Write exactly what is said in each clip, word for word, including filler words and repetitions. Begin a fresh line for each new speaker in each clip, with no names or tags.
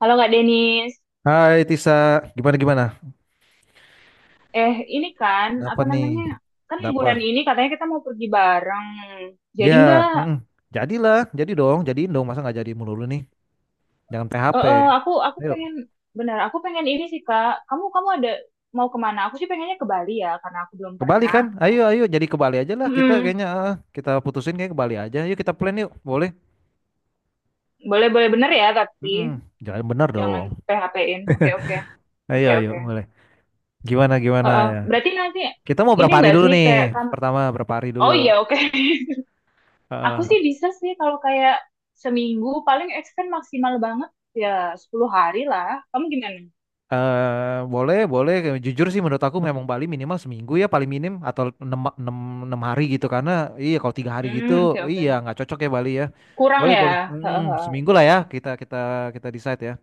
Halo Kak Denis,
Hai Tisa, gimana gimana?
eh ini kan
Kenapa
apa
nih?
namanya, kan
Kenapa?
liburan ini katanya kita mau pergi bareng.
Dia,
Jadi nggak.
mm, jadilah, jadi dong, jadiin dong, masa nggak jadi mulu nih? Jangan
eh,
pe ha pe.
eh, aku aku
Ayo,
pengen, benar aku pengen ini sih Kak. Kamu kamu ada mau kemana? Aku sih pengennya ke Bali ya karena aku belum
ke Bali
pernah.
kan? Ayo, ayo, jadi ke Bali aja lah. Kita
Mm-mm.
kayaknya ah, kita putusin kayak ke Bali aja. Yuk kita plan yuk, boleh?
Boleh boleh bener ya tapi
Mm-mm. Jangan bener dong.
jangan P H P-in. Oke oke
Ayo,
oke
ayo,
oke.
boleh. Gimana
Eh,
gimana?
eh, berarti nanti
Kita mau
ini
berapa hari
enggak
dulu
sih
nih?
kayak kamu?
Pertama berapa hari dulu?
Oh iya oke. Aku
Heeh.
sih bisa sih kalau kayak seminggu paling extend maksimal banget, ya sepuluh hari lah. Kamu gimana?
Eh boleh, boleh. Jujur sih menurut aku memang Bali minimal seminggu ya paling minim atau enam enam enam hari gitu, karena iya kalau tiga hari gitu
Hmm, oke
iya
oke.
nggak cocok ya Bali ya.
Kurang
Boleh, boleh.
ya.
Hmm,
Hehehe,
seminggu
oke
lah ya
oke.
kita kita kita decide ya.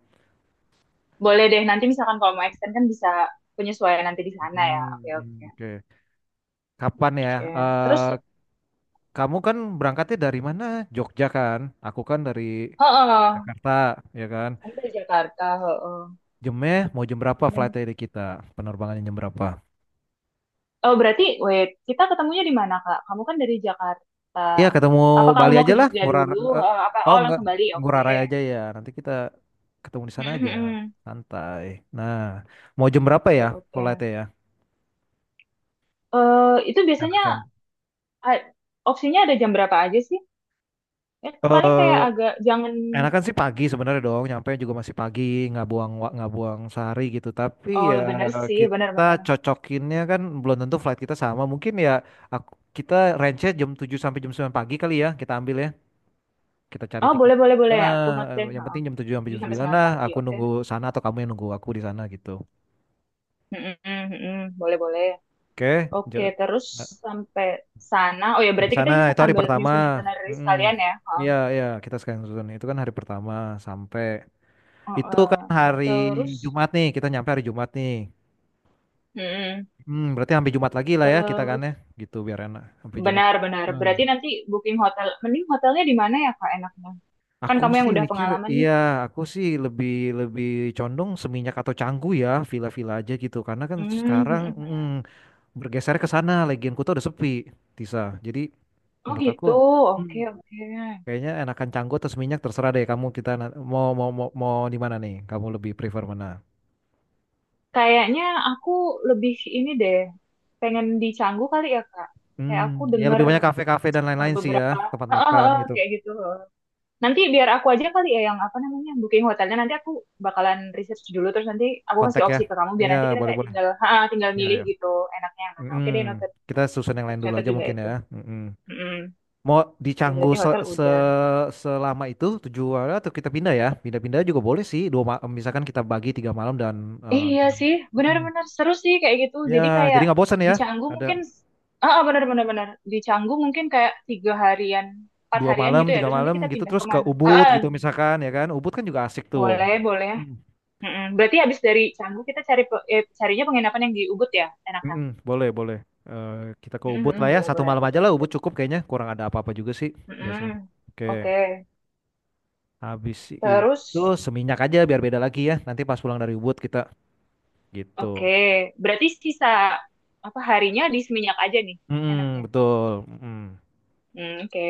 Boleh deh, nanti misalkan kalau mau extend kan bisa penyesuaian nanti di sana ya. Oke
Hmm,
oke.
hmm, oke. Kapan ya?
Oke. Terus
Eh Kamu kan berangkatnya dari mana? Jogja kan? Aku kan dari
heeh,
Jakarta, ya kan?
kamu dari Jakarta, heeh.
Jamnya mau jam berapa
Ben-
flightnya dari kita? Penerbangannya jam berapa?
Oh, berarti wait, kita ketemunya di mana, Kak? Kamu kan dari Jakarta.
Iya ketemu
Apa kamu
Bali
mau
aja
ke
lah,
Jogja
Ngurah
dulu?
eh,
Heeh, apa
oh
oh
enggak,
langsung Bali? Oke.
Ngurah Rai aja ya. Nanti kita ketemu di sana
Hmm, hmm,
aja,
hmm.
santai. Nah, mau jam berapa
Oke,
ya
oke.
flightnya ya?
Eh, itu biasanya
Enakan.
a- opsinya ada jam berapa aja sih? Ya, paling kayak
Eh,
agak jangan.
enakan sih pagi sebenarnya dong. Nyampe juga masih pagi, nggak buang wa- nggak buang sehari gitu. Tapi ya
Oh, bener sih,
kita
bener-bener.
cocokinnya kan belum tentu flight kita sama. Mungkin ya aku, kita range-nya jam tujuh sampai jam sembilan pagi kali ya kita ambil ya. Kita cari
Oh,
tiket.
boleh, boleh, boleh. Aku
Ah,
note
eh,
deh.
yang
Heeh.
penting jam tujuh sampai
Tujuh
jam
sampai
sembilan
sembilan
lah.
pagi,
Aku
oke.
nunggu sana atau kamu yang nunggu aku di sana gitu.
Mm-mm, mm-mm, boleh, boleh.
Oke,
Oke,
ja-
terus
eh,
sampai sana. Oh ya,
sampai
berarti kita
sana
ini
itu hari
sambil
pertama.
nyusun itinerary
Mm-mm.
sekalian ya. Heeh.
Iya, iya, kita sekalian susun. Itu kan hari pertama sampai itu kan
Heeh.
hari
Terus,
Jumat nih, kita nyampe hari Jumat nih.
mm-mm,
Hmm, berarti sampai Jumat lagi lah ya kita kan
terus
ya, gitu biar enak sampai Jumat.
benar-benar.
Hmm.
Berarti nanti booking hotel, mending hotelnya di mana ya, Kak, enaknya? Kan
Aku
kamu yang
sih
udah
mikir,
pengalaman nih.
iya, aku sih lebih lebih condong Seminyak atau Canggu ya, villa-villa aja gitu. Karena kan
Hmm.
sekarang, mm, bergeser ke sana, Legion Kuta udah sepi Tisa, jadi
Oh
menurut aku.
gitu, oke
Hmm.
oke.
Kayaknya enakan canggo atau seminyak terserah deh kamu, kita na- mau mau mau, mau di mana nih, kamu lebih prefer mana?
Kayaknya aku lebih ini deh, pengen di Canggu kali ya Kak.
Hmm,
Kayak aku
ya
denger
lebih banyak kafe-kafe dan
eh,
lain-lain sih ya,
beberapa,
tempat
eh, eh,
makan
eh,
gitu.
kayak gitu. Nanti biar aku aja kali ya yang apa namanya booking hotelnya. Nanti aku bakalan research dulu, terus nanti aku kasih
Kontak ya.
opsi ke kamu biar
Iya
nanti kita
boleh
kayak
boleh.
tinggal, ha, tinggal
Iya
milih
ya.
gitu enaknya yang mana. Oke
Hmm,
deh, noted.
kita susun yang
Aku
lain dulu
catat
aja
juga
mungkin ya.
itu.
Hmm,
Mm-mm.
mau di
Oke,
Canggu
berarti
se-
hotel udah.
se- selama itu tujuh hari atau kita pindah ya, pindah-pindah juga boleh sih, dua ma- misalkan kita bagi tiga malam dan
Iya sih,
eh,
benar-benar seru sih kayak gitu. Jadi
ya, jadi
kayak
nggak bosan
di
ya.
Canggu
Ada
mungkin, ah ah, benar-benar benar. Di Canggu mungkin kayak tiga harian, empat
dua
harian
malam,
gitu ya.
tiga
Terus nanti
malam
kita
gitu
pindah
terus ke
kemana? Ah,
Ubud
ah,
gitu misalkan ya kan. Ubud kan juga asik tuh.
boleh boleh.
Hmm.
Mm-mm. Berarti habis dari Canggu kita cari pe- eh, carinya penginapan yang di Ubud ya, enakan.
Mm-mm, boleh, boleh. Eh, kita ke
Mm-mm,
Ubud lah
mm,
ya.
boleh
Satu
boleh
malam
aku
aja lah
tulis
Ubud
deh.
cukup kayaknya. Kurang ada apa-apa juga sih biasa.
Mm-mm.
Oke.
Oke,
Habis itu
terus
Seminyak aja biar beda lagi ya. Nanti pas pulang dari Ubud kita gitu.
oke. Berarti sisa apa harinya di Seminyak aja nih, enaknya.
Mm-mm, betul. Mm-mm.
Hmm oke,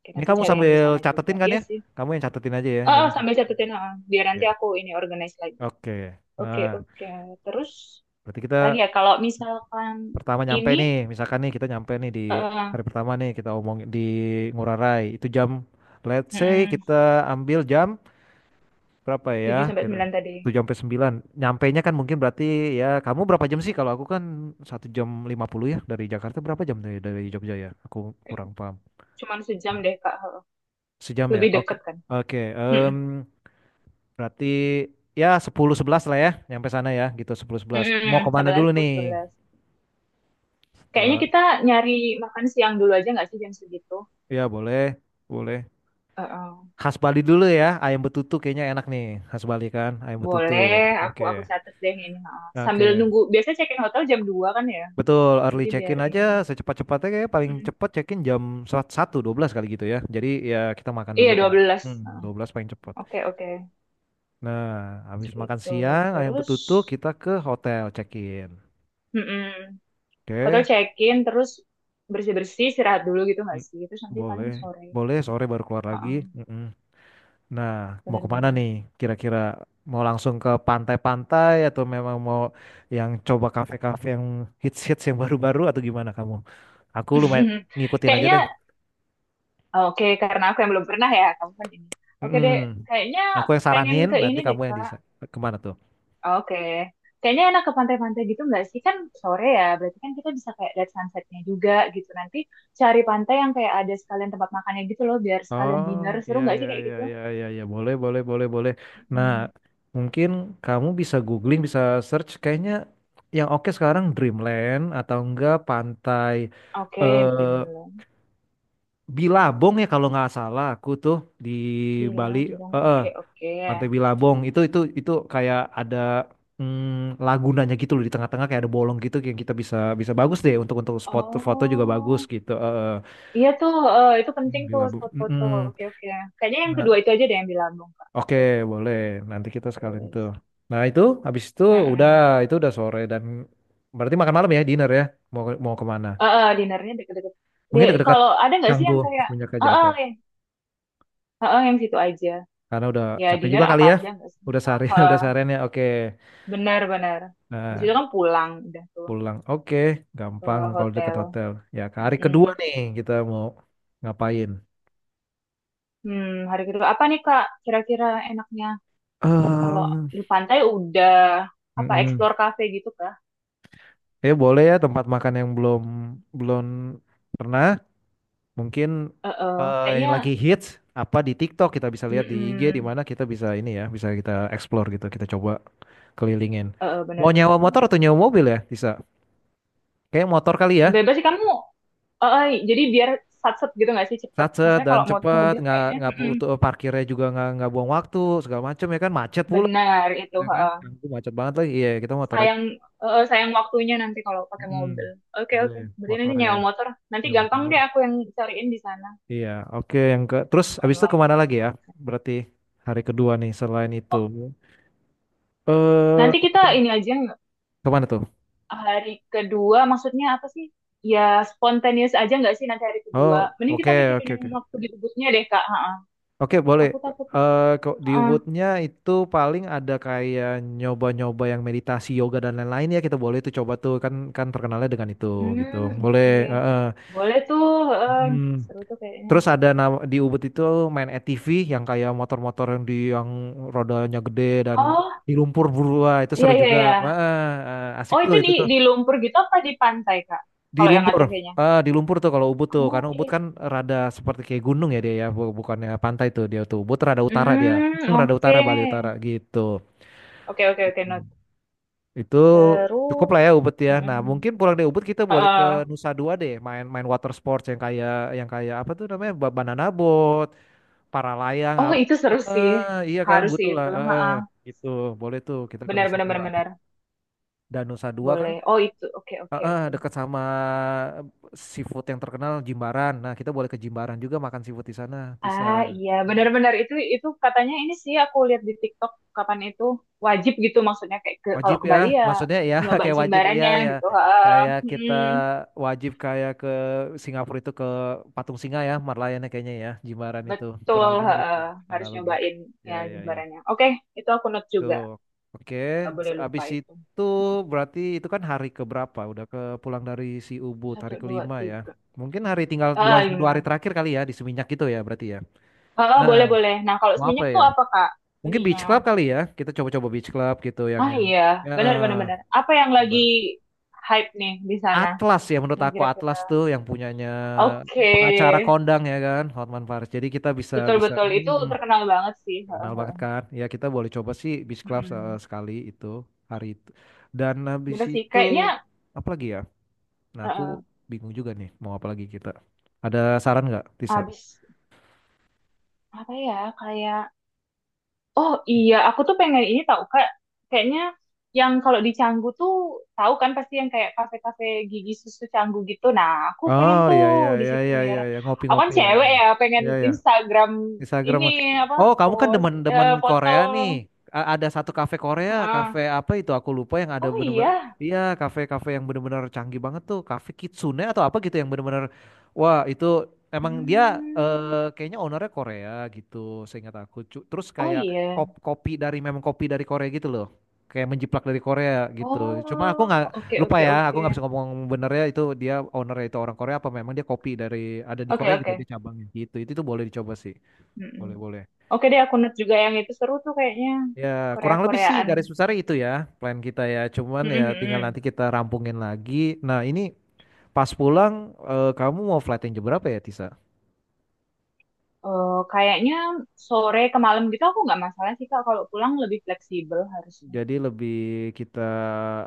oke,
Ini
nanti
kamu
cari yang di
sambil
sana juga.
catetin kan
Iya
ya?
sih.
Kamu yang catetin aja ya
Oh,
ini.
oh,
Ya.
sambil catetin, ha, biar nanti
Oke.
aku ini organize lagi.
Oke.
Oke,
Nah,
oke. Terus
berarti kita
lagi ya, kalau misalkan
pertama nyampe
ini
nih, misalkan nih kita nyampe nih di
eh
hari pertama nih, kita omong di Ngurah Rai. Itu jam, let's say
mm-mm,
kita ambil jam berapa ya
tujuh sampai
gitu.
sembilan tadi.
tujuh sampai sembilan. Nyampainya kan mungkin berarti, ya kamu berapa jam sih? Kalau aku kan satu jam lima puluh ya dari Jakarta, berapa jam dari dari Jogja ya? Aku kurang paham.
Cuman sejam deh, Kak. Ha.
Sejam ya.
Lebih
Oke.
deket kan.
Oke,
Mm-mm.
em, berarti ya sepuluh sebelas lah ya nyampe sana ya gitu sepuluh sebelas. Mau
Mm-mm.
kemana
Sampai lah
dulu
sepuluh,
nih?
sebelas. Kayaknya
Setelah,
kita nyari makan siang dulu aja nggak sih jam segitu?
ya boleh, boleh.
Eh, eh.
Khas Bali dulu ya, ayam betutu kayaknya enak nih. Khas Bali kan, ayam betutu.
Boleh, aku
Oke.
aku catet deh ini. Ha. Sambil
Oke.
nunggu, biasanya check-in hotel jam dua kan ya.
Betul, early
Jadi biar
check-in aja
ini.
secepat-cepatnya, kayak paling
Mm-mm.
cepat check-in jam satu dua belas kali gitu ya. Jadi ya kita makan
Iya,
dulu
dua
kan.
belas.
Hmm,
Ha.
dua belas paling cepat.
Oke, oke.
Nah, habis makan
Gitu
siang ayam
terus
betutu kita ke hotel check-in.
mm-mm. Hotel
Oke.
check in terus bersih bersih, istirahat dulu gitu nggak
Mm,
sih, terus nanti paling
boleh.
sore.
Boleh sore baru keluar lagi.
Heeh,
Mm-mm. Nah, mau kemana
bener-bener.
nih? Kira-kira mau langsung ke pantai-pantai atau memang mau yang coba kafe-kafe yang hits-hits yang baru-baru atau gimana kamu? Aku lumayan ngikutin aja
Kayaknya
deh.
oke, karena aku yang belum pernah ya, kamu kan ini. Oke
Mm-mm.
deh, kayaknya
Aku yang
pengen
saranin,
ke ini
nanti
deh
kamu yang
Kak.
bisa. Kemana tuh?
Oke, kayaknya enak ke pantai-pantai gitu nggak sih? Kan sore ya, berarti kan kita bisa kayak lihat sunsetnya juga gitu. Nanti cari pantai yang kayak ada sekalian tempat makannya gitu loh, biar sekalian
Oh,
dinner seru
iya,
nggak sih
iya,
kayak
iya,
gitu.
iya, iya, iya. Boleh, boleh, boleh, boleh. Nah,
Mm.
mungkin kamu bisa googling, bisa search. Kayaknya yang oke sekarang Dreamland atau enggak pantai.
Oke,
eh
print.
Bilabong ya kalau nggak salah aku tuh di
Di
Bali,
Labong,
eh eh,
oke oke.
Pantai Bilabong itu itu itu kayak ada, mm, lagunanya gitu loh di tengah-tengah, kayak ada bolong gitu yang kita bisa, bisa bagus deh untuk untuk spot foto juga bagus
Oh,
gitu eh eh.
iya tuh, eh, itu
Hmm,
penting tuh
Bilabong.
spot foto.
Mm-mm.
Oke oke. Kayaknya yang
Nah,
kedua itu aja deh, yang di Labong, Kak.
oke
Oke,
boleh nanti kita sekalian tuh.
terus.
Nah itu habis itu udah,
Heeh.
itu udah sore, dan berarti makan malam ya, dinner ya, mau mau kemana?
Heeh, dinernya deket-deket.
Mungkin
Di-
dekat-dekat
kalau ada nggak sih
Canggu.
yang kayak,
Semenjak
heeh,
jatuh.
yang, heeh, yang situ aja.
Karena udah
Ya
capek
dinner
juga kali
apa
ya.
aja nggak sih?
Udah seharian,
Heeh,
udah seharian ya. Oke.
benar-benar. Habis
Nah,
itu kan pulang udah tuh
pulang. Oke,
ke
gampang kalau deket
hotel.
hotel. Ya, ke hari kedua
Mm.
nih kita mau ngapain?
Hmm, hari kedua apa nih Kak? Kira-kira enaknya, kalau
Em,
di pantai udah apa
mm-mm.
explore cafe gitu kan?
Ya boleh, ya tempat makan yang belum belum pernah. Mungkin
Heeh,
eh, yang
kayaknya
lagi hits apa di TikTok, kita bisa lihat di I G di
mm-mm,
mana kita bisa ini ya, bisa kita explore gitu, kita coba kelilingin.
heeh, benar
Mau
benar
nyewa
benar.
motor atau nyewa mobil ya? Bisa. Kayak motor kali ya.
Bebas sih kamu. Heeh, jadi biar sat-set gitu nggak sih cepet.
Satset
Maksudnya
dan
kalau mau
cepet,
mobil
nggak
kayaknya
nggak
mm-mm,
butuh parkirnya juga, nggak nggak buang waktu segala macem ya kan, macet pula
benar itu.
ya kan.
Heeh.
Ampun, macet banget lagi, iya kita motor aja.
Sayang heeh, sayang waktunya nanti kalau pakai
mm
mobil. Oke oke.
Boleh,
Berarti nanti
motor ya.
nyewa motor. Nanti
Ya,
gampang
motor.
deh aku yang cariin di sana
Iya, oke, yang ke terus abis itu
online
kemana
gitu.
lagi ya? Berarti hari kedua nih selain itu,
Oh,
eh
nanti kita ini aja nggak?
kemana tuh?
Hari kedua maksudnya apa sih? Ya spontaneous aja nggak sih nanti hari kedua?
Oh,
Mending
oke
kita mikirin
oke
yang
oke.
waktu di Ubudnya deh Kak. Heeh.
Oke, boleh.
Aku takut.
Eh kok di Woodnya itu paling ada kayak nyoba-nyoba yang meditasi, yoga dan lain-lain ya, kita boleh itu coba tuh, kan kan terkenalnya dengan itu gitu.
Hmm,
Boleh.
oke.
eh, eh.
Boleh tuh. em,
Hmm.
seru tuh kayaknya.
Terus ada nama, di Ubud itu main A T V yang kayak motor-motor yang di yang rodanya gede dan
Oh,
di lumpur berua itu
iya,
seru
iya,
juga.
iya.
Wah, eh, asik
Oh,
tuh
itu di,
itu.
di lumpur gitu apa di pantai, Kak?
Di
Kalau yang
lumpur,
A T V-nya.
ah di lumpur tuh kalau Ubud tuh,
Oh,
karena
oke.
Ubud kan rada seperti kayak gunung ya dia ya, bu- bukannya pantai tuh dia tuh. Ubud rada utara dia,
Hmm,
Hmm, rada utara,
oke.
Bali utara gitu.
Oke, oke, oke, not.
Itu cukup
Terus,
lah ya Ubud ya. Nah
mm-mm.
mungkin pulang dari Ubud kita boleh ke
Heeh.
Nusa Dua deh, main main water sports yang kayak, yang kayak apa tuh namanya, ba- banana boat, paralayang
Oh,
apa.
itu seru sih.
Ah, iya kan
Harus sih
butuh lah.
itu.
Eh, eh,
Heeh.
gitu boleh tuh kita ke
Benar,
Nusa
benar,
Dua.
benar, benar.
Dan Nusa Dua kan,
Boleh. Oh, itu. Oke, oke,
heeh,
oke.
dekat sama seafood yang terkenal, Jimbaran. Nah, kita boleh ke Jimbaran juga makan seafood di sana. Bisa
Ah iya benar-benar, itu itu katanya, ini sih aku lihat di TikTok kapan itu, wajib gitu maksudnya kayak ke, kalau
wajib
ke
ya,
Bali ya
maksudnya ya
nyoba
kayak wajib, iya
jimbarannya
ya.
gitu. Heeh.
Kayak kita
Mm,
wajib kayak ke Singapura itu ke Patung Singa ya, Marlayannya kayaknya ya, Jimbaran itu. Kurang
betul
lebihnya gitu
heeh. Harus
analogi.
nyobain
Ya
ya
ya ya.
jimbarannya. Oke, itu aku note juga.
Tuh. Oke,
Nggak boleh
se-
lupa
habis
itu.
itu berarti itu kan hari keberapa? Udah ke pulang dari si Ubud
Satu
hari
dua
kelima ya.
tiga.
Mungkin hari tinggal dua,
Ah
dua hari
lima.
terakhir kali ya di Seminyak gitu ya berarti ya.
Ah
Nah,
boleh boleh. Nah kalau
mau apa
seminyak
ya?
tuh apa Kak?
Mungkin Beach Club
Ininya.
kali ya. Kita coba-coba Beach Club gitu yang
Ah
yang
iya
ya
benar benar
eh,
benar. Apa yang
yang
lagi
baru.
hype nih di sana
Atlas ya, menurut
yang
aku
kira-kira?
Atlas tuh yang punyanya
Oke.
pengacara kondang ya kan, Hotman Paris. Jadi kita bisa, bisa
Betul-betul itu
hmm,
terkenal banget sih.
kenal banget
Heeh.
kan. Ya kita boleh coba sih Beach Club, se- eh,
Mm-mm.
sekali itu hari itu. Dan habis
Bener sih,
itu
kayaknya
apa lagi ya? Nah, aku
heeh,
bingung juga nih mau apa lagi kita. Ada saran nggak, Tisa?
habis apa ya? Kayak oh iya, aku tuh pengen ini tahu Kak. Kayaknya yang kalau di Canggu tuh, tahu kan pasti yang kayak kafe-kafe gigi susu Canggu gitu. Nah, aku pengen
Oh
tuh
ya ya
di
ya
situ,
ya
biar
ya ya,
aku kan
ngopi-ngopi ya ya.
cewek ya, pengen
Ya ya.
Instagram
Instagram.
ini apa
Oh, kamu kan
post
demen-demen
eh, foto.
Korea nih. A- ada satu kafe Korea,
Heeh.
kafe apa itu? Aku lupa yang ada
Oh
bener-bener.
iya.
Iya, kafe-kafe yang bener-bener canggih banget tuh. Kafe Kitsune atau apa gitu yang bener-bener. Wah, itu emang dia,
Hmm.
eh, kayaknya ownernya Korea gitu. Seingat aku. Cu- Terus
Oh
kayak
iya.
kop- kopi dari memang kopi dari Korea gitu loh. Kayak menjiplak dari Korea gitu. Cuma aku nggak
Oh, oke
lupa
oke
ya. Aku
oke.
nggak bisa ngomong benernya itu dia ownernya itu orang Korea apa memang dia kopi dari ada di
Oke,
Korea gitu
oke.
dia cabangnya gitu. Itu itu boleh dicoba sih.
Mm-mm.
Boleh, boleh.
Oke deh, aku note juga yang itu, seru tuh kayaknya.
Ya, kurang lebih sih
Korea-Koreaan.
garis besarnya itu ya, plan kita ya. Cuman
Mm-mm,
ya tinggal
mm-mm.
nanti kita rampungin lagi. Nah, ini pas pulang, eh, kamu mau flight yang jam berapa ya, Tisa?
Eh, kayaknya sore ke malam gitu aku nggak masalah sih Kak. Kalau pulang lebih fleksibel harusnya.
Jadi lebih kita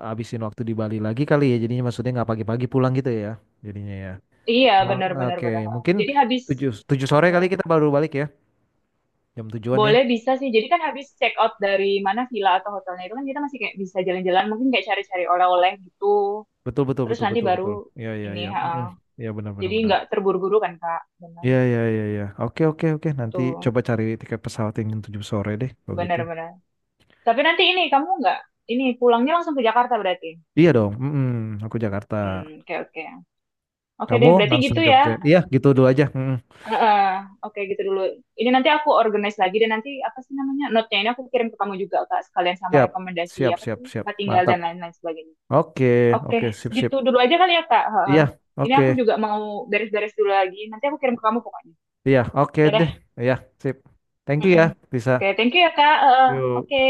habisin waktu di Bali lagi kali ya. Jadinya maksudnya nggak pagi-pagi pulang gitu ya. Jadinya ya.
Iya,
Ah,
benar-benar
Oke,
benar. Benar,
mungkin
benar. Jadi habis
tujuh tujuh sore
eh,
kali
eh,
kita baru balik ya. Jam tujuan ya.
boleh bisa sih. Jadi kan habis check out dari mana villa atau hotelnya itu, kan kita masih kayak bisa jalan-jalan, mungkin kayak cari-cari oleh-oleh gitu.
Betul, betul,
Terus
betul,
nanti
betul,
baru
betul. Iya, iya, iya.
ini,
Mm-mm.
ha,
Iya, benar, benar,
jadi
benar.
nggak terburu-buru kan Kak? Benar
Iya, iya, iya, iya. Oke, oke, oke. Nanti
tuh,
coba cari tiket pesawat yang jam tujuh sore deh, kalau gitu.
benar-benar. Tapi nanti ini kamu nggak ini, pulangnya langsung ke Jakarta berarti.
Iya dong, mm-mm, aku Jakarta.
Hmm, oke oke. Oke
Kamu
deh, berarti
langsung
gitu
Jogja.
ya.
Iya, gitu dulu aja. Mm-mm.
Heeh, oke gitu dulu. Ini nanti aku organize lagi, dan nanti apa sih namanya? Note-nya ini aku kirim ke kamu juga Kak, sekalian sama
Siap,
rekomendasi
siap,
apa
siap,
tadi?
siap.
Tempat tinggal
Mantap.
dan lain-lain sebagainya.
Oke,
Oke,
oke, sip, sip.
gitu dulu aja kali ya Kak. Heeh.
Iya,
Ini
oke.
aku juga mau beres-beres dulu lagi. Nanti aku kirim ke kamu pokoknya.
Iya, oke
Oke deh.
deh. Iya, sip. Thank you ya,
Mm-mm.
bisa.
Oke, thank you ya Kak. Heeh,
Yuk.
oke.